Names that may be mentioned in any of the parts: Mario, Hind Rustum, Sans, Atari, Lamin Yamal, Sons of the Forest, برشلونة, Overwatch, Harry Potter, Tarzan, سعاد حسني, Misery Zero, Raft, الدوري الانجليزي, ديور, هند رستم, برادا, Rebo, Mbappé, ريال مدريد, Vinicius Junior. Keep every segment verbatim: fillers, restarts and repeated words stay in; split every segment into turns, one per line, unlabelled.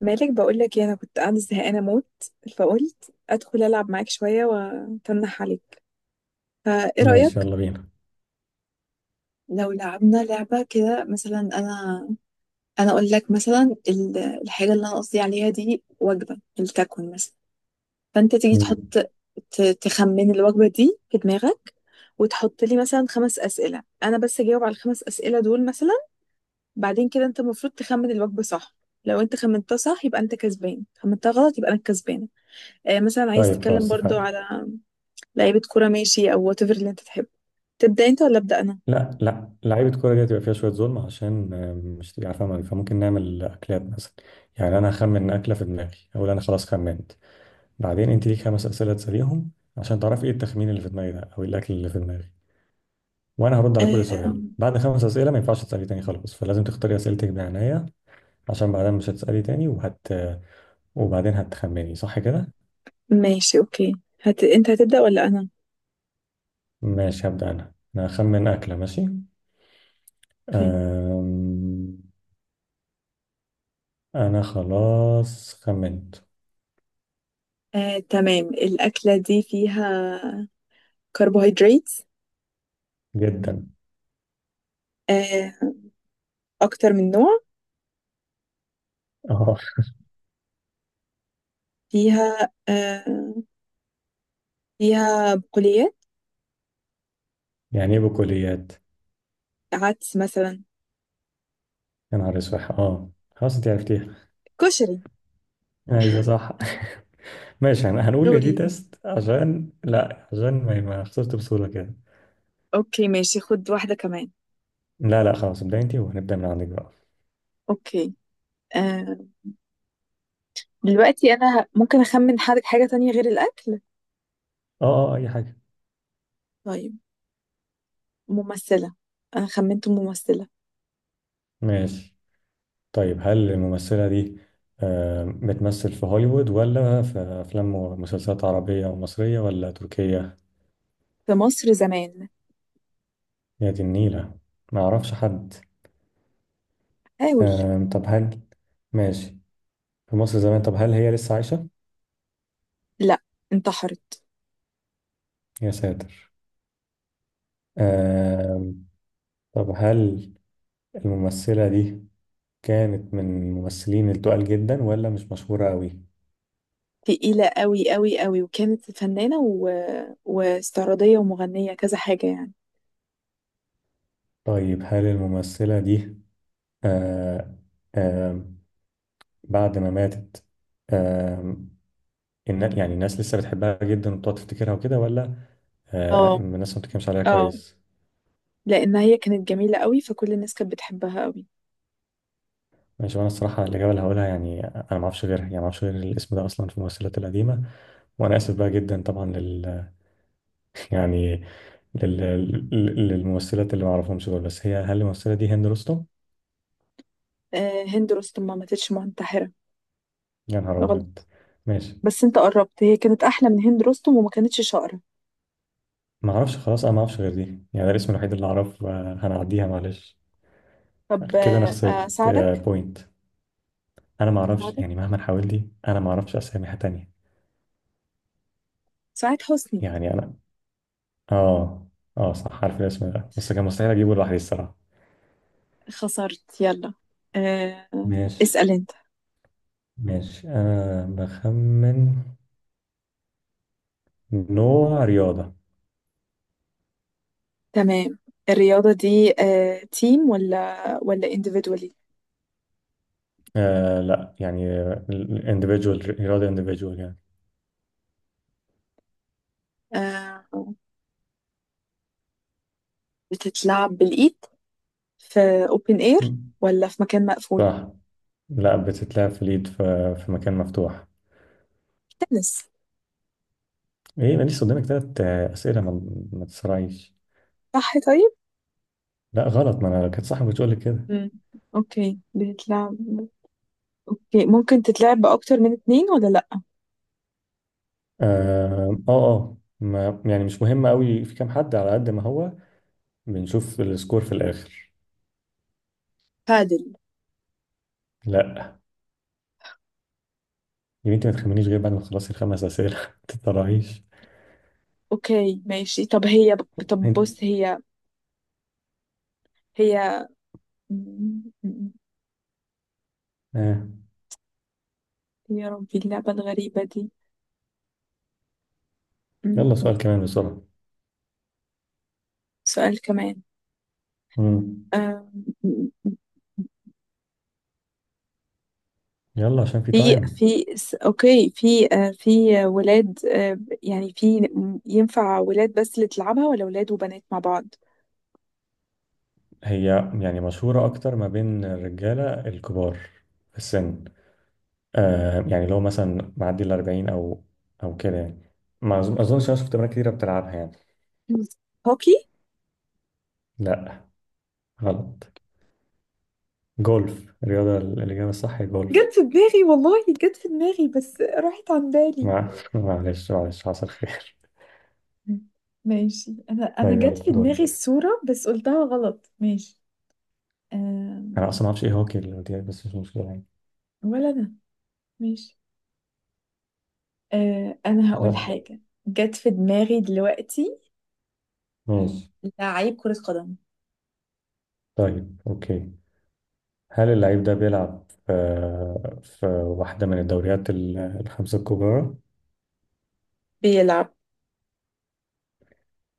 مالك؟ بقول لك انا كنت قاعده زهقانه موت، فقلت ادخل العب معاك شويه واتنح عليك. فايه
ماشي،
رايك؟
يلا بينا.
لو لعبنا لعبه كده مثلا، انا انا اقول لك مثلا ال- الحاجه اللي انا قصدي عليها دي وجبه الكاكون مثلا، فانت تيجي
مم.
تحط، ت- تخمن الوجبه دي في دماغك، وتحط لي مثلا خمس اسئله. انا بس اجاوب على الخمس اسئله دول مثلا، بعدين كده انت المفروض تخمن الوجبه صح. لو انت خمنتها صح يبقى انت كسبان، خمنتها غلط يبقى انا الكسبان. آه، مثلا عايز
طيب
تتكلم
خلاص
برضو
اتفقنا.
على لعيبة كورة، ماشي، أو whatever اللي أنت تحبه. تبدأ أنت ولا أبدأ أنا؟
لا لا، لعيبة كورة دي هتبقى فيها شوية ظلم عشان آم، مش تبقى عارفة أمريكا، فممكن نعمل أكلات مثلا. يعني أنا هخمن أكلة في دماغي، أقول أنا خلاص خمنت. بعدين أنت ليك خمس أسئلة تسأليهم عشان تعرفي إيه التخمين اللي في دماغي ده، أو إيه الأكل اللي في دماغي. وأنا هرد على كل
آه،
سؤال. بعد خمس أسئلة ما ينفعش تسألي تاني خلاص، فلازم تختاري أسئلتك بعناية عشان بعدين مش هتسألي تاني وهت وبعدين هتخمني صح كده؟
ماشي، أوكي. هت... أنت هتبدأ ولا أنا؟
ماشي، هبدأ أنا أنا هخمن أكلة. ماشي.
اوكي.
أم... انا خلاص خمنت.
آه، تمام. الأكلة دي فيها كربوهيدرات؟
جدا.
آه، أكتر من نوع؟
اه.
فيها، آه، فيها بقوليات؟
يعني ايه بكليات؟
عدس مثلا؟
يا نهار اسود. اه، خلاص انت عرفتيها.
كشري؟
ايوه صح. ماشي، هن- هنقول ان
دوري.
دي تيست عشان لا، عشان ما ما خسرت بصوره كده.
أوكي ماشي، خد واحدة كمان.
لا لا، خلاص ابدأ انت، وهنبدأ من عندك بقى.
أوكي. آه، دلوقتي أنا ه- ممكن أخمن حاجة، حاجة تانية غير الأكل؟
اه اه، آه، اي حاجه.
طيب، ممثلة. أنا خمنت ممثلة.
ماشي. طيب هل الممثله دي آه، بتمثل في هوليوود، ولا في افلام ومسلسلات عربيه ومصريه، ولا تركيه؟
في مصر زمان.
يا دي النيله، ما اعرفش حد.
حاول.
آم، طب هل ماشي. في مصر زمان، طب هل هي لسه عايشة؟
لا، انتحرت.
يا ساتر. آم، طب هل الممثلة دي كانت من الممثلين التقال جدا، ولا مش مشهورة قوي؟
تقيلة قوي قوي قوي، وكانت فنانة و... واستعراضية ومغنية، كذا حاجة يعني.
طيب هل الممثلة دي آه آم، بعد ما ماتت، آم، النا- يعني الناس لسه بتحبها جدا وبتقعد تفتكرها وكده، ولا آه
اه،
الناس ما بتتكلمش عليها
اه،
كويس؟
لأن هي كانت جميلة قوي فكل الناس كانت بتحبها قوي.
ماشي. وانا الصراحة الإجابة اللي هقولها، يعني أنا ما أعرفش غيرها، يعني ما أعرفش غير الاسم ده أصلا في الممثلات القديمة. وأنا آسف بقى جدا طبعا، يعني لل... لل- للممثلات اللي ما اعرفهمش دول، بس هي، هل الممثله دي هند رستم؟
آه هند رستم ما ماتتش منتحرة.
يا نهار ابيض.
غلط.
ماشي،
بس انت قربت، هي كانت أحلى من هند رستم وما كانتش شقرة.
ما اعرفش. خلاص انا ما اعرفش غير دي، يعني ده الاسم الوحيد اللي اعرف. آه، هنعديها معلش.
طب
كده انا خسرت
آه، أساعدك.
بوينت. انا ما اعرفش،
أساعدك.
يعني مهما حاولت انا ما اعرفش اسامي تانية.
سعاد حسني.
يعني انا، اه، اه صح، عارف الاسم ده بس كان مستحيل اجيبه لوحدي الصراحه.
خسرت يلا. آه،
ماشي.
اسأل انت.
ماشي انا بخمن نوع رياضه.
تمام. الرياضة دي آه، تيم ولا ولا individually؟
آه لا يعني individual، رياضه individual يعني.
آه، بتتلعب بالإيد في open air ولا في مكان مقفول؟
صح. لا، بتتلعب في اليد، في, في مكان مفتوح.
تنس.
ايه، انا لسه قدامك تلات آه، اسئله، ما, ما تسرعيش.
صح؟ طيب.
لا غلط، ما انا لو كانت صح ما كنتش اقول لك كده.
مم. اوكي، بتتلعب. اوكي، ممكن تتلعب بأكتر من اتنين ولا لأ؟
اه اه، آه. ما يعني مش مهم قوي في كام حد، على قد ما هو بنشوف السكور في الاخر.
بادل.
لا، يا بنتي ما تخمنيش غير بعد ما تخلصي الخمس اسئله. ما تتسرعيش.
اوكي ماشي، طب هي طب بص،
أنت-
هي هي مم، مم،
آه.
يا ربي اللعبة الغريبة دي.
يلا
مم،
سؤال كمان بسرعه.
سؤال كمان.
مم.
آه،
يلا عشان في
في
تايم.
في س- اوكي في آه، في ولاد، آه، يعني في، ينفع ولاد بس اللي تلعبها ولا ولاد وبنات مع بعض؟
هي يعني مشهوره اكتر ما بين الرجاله الكبار في السن. آه يعني لو مثلا معدي ال أربعين او او كده يعني. ما أظن- اظنش انا شفت بنات كتيره بتلعبها يعني.
مم. هوكي.
لا غلط. جولف. الرياضه، ال- الاجابه الصح هي جولف.
جت في دماغي والله، جت في دماغي بس راحت عن بالي.
مع معلش معلش، حصل خير.
ماشي. انا انا
طيب
جت
يلا
في دماغي
دورك.
الصورة بس قلتها غلط. ماشي.
انا
أم...
اصلا ما اعرفش ايه هوكي اللي قلت لك، بس مش مشكله يعني.
ولا انا. ماشي. أه... انا هقول
لا.
حاجة جت في دماغي دلوقتي.
ماشي.
لعيب كرة قدم.
طيب اوكي، هل اللعيب ده بيلعب في في واحده من الدوريات ال- الخمسه الكبرى؟
بيلعب.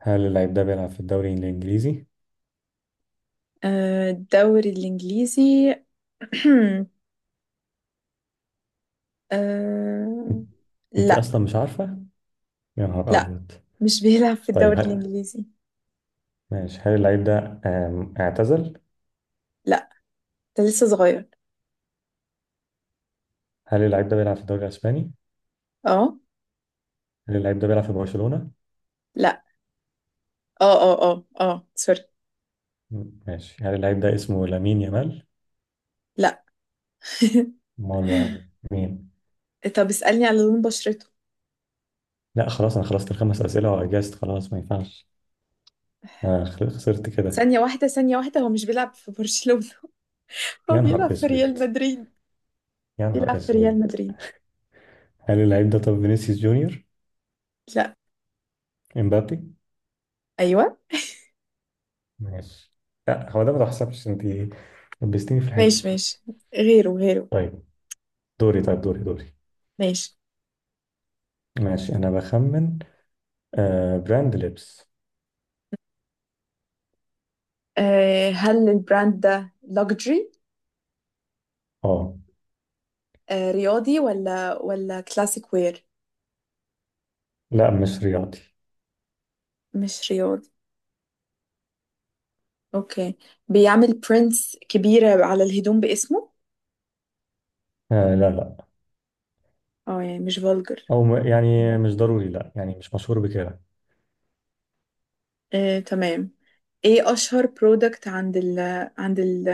هل اللعيب ده بيلعب في الدوري الانجليزي؟
آه، الدوري الانجليزي. أه...
انت
لا.
اصلا مش عارفه. يا نهار
لا
ابيض.
مش بيلعب في
طيب
الدوري الإنجليزي.
ماشي. هل اللعيب ده آم، اعتزل؟
لا، ده لسه صغير.
هل اللعيب ده بيلعب في الدوري الإسباني؟
اه.
هل اللعيب ده بيلعب في برشلونة؟
لا. اه اه اه اه، سوري.
م- ماشي، هل اللعيب ده اسمه لامين يامال؟
لا.
أمال بقى مين؟
طب اسألني على لون بشرته.
لا خلاص، أنا خلصت الخمس أسئلة وأجازت، خلاص ما ينفعش. أنا خل- خسرت كده.
ثانية واحدة، ثانية واحدة، هو مش بيلعب في برشلونة. هو
يا نهار
بيلعب في ريال
أسود،
مدريد.
يا
بيلعب
نهار
في ريال
أسود.
مدريد.
هل اللعيب ده طب فينيسيوس جونيور؟
لا.
إمبابي؟
أيوة.
ماشي. لا هو ده، ما تحسبش أنت لبستيني في الحيط
ماشي
كده.
ماشي. غيره غيره.
طيب دوري، طيب دوري دوري.
ماشي.
ماشي أنا بخمن. آه براند لبس.
أه هل البراند ده لوكجري؟
أه
أه. رياضي ولا ولا كلاسيك وير؟
لا مش رياضي.
مش رياضي. اوكي. بيعمل برينتس كبيرة على الهدوم باسمه؟
آه لا لا.
اه يعني مش فولجر؟
او م- يعني مش ضروري، لا يعني مش مشهور بكده.
آه، تمام. ايه اشهر برودكت عند ال عند ال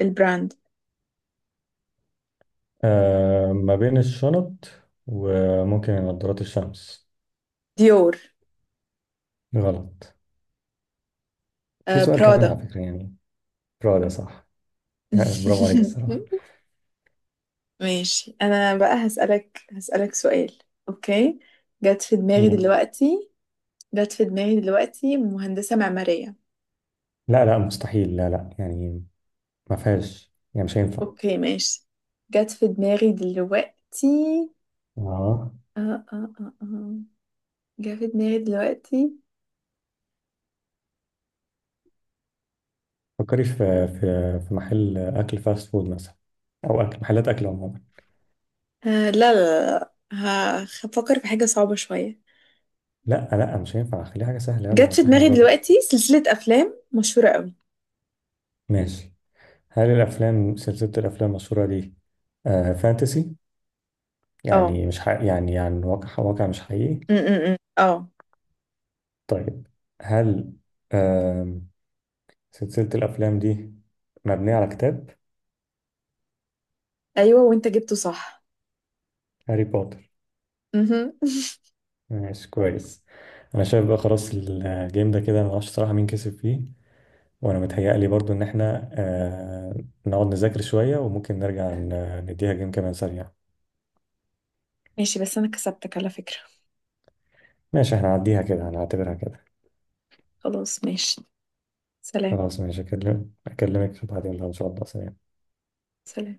البراند؟
آه ما بين الشنط، وممكن نظارات الشمس.
ديور.
غلط. في
آه،
سؤال كمان على
برادا.
فكرة يعني. برافو ده صح. يعني برافو عليك الصراحة.
ماشي، انا بقى هسألك، هسألك سؤال. اوكي. جت في دماغي
ماشي.
دلوقتي. جت في دماغي دلوقتي مهندسة معمارية.
لا لا مستحيل، لا لا يعني ما فيهاش، يعني مش هينفع.
اوكي ماشي. جت في دماغي دلوقتي.
اه،
اه اه اه اه جت في دماغي دلوقتي.
فكري في في في محل اكل فاست فود مثلا، او اكل، محلات اكل عموما.
آه، لا لا. لا هفكر في حاجة صعبة شوية.
لا لا مش هينفع، خليها حاجة سهلة، يلا
جت في
عشان احنا
دماغي
نربط.
دلوقتي سلسلة أفلام مشهورة قوي.
ماشي. هل الافلام سلسلة الافلام المشهورة دي آه فانتسي،
اه.
يعني مش حقيقي، يعني يعني واقع، واقع مش حقيقي؟
م- م- م. اه.
طيب هل آم، سلسلة الأفلام دي مبنية على كتاب؟
أيوة وأنت جبته صح.
هاري بوتر.
مهم.
ماشي كويس. أنا شايف بقى خلاص الجيم ده كده أنا معرفش صراحة مين كسب فيه. وأنا متهيألي برضو إن إحنا آه، نقعد نذاكر شوية، وممكن نرجع ن- نديها جيم كمان سريع.
ماشي بس أنا كسبتك على فكرة.
ماشي، إحنا هنعديها كده، هنعتبرها كده.
خلاص ماشي. سلام.
خلاص ماشي، أكلم- أكلمك بعدين بقى إن شاء الله سريع.
سلام.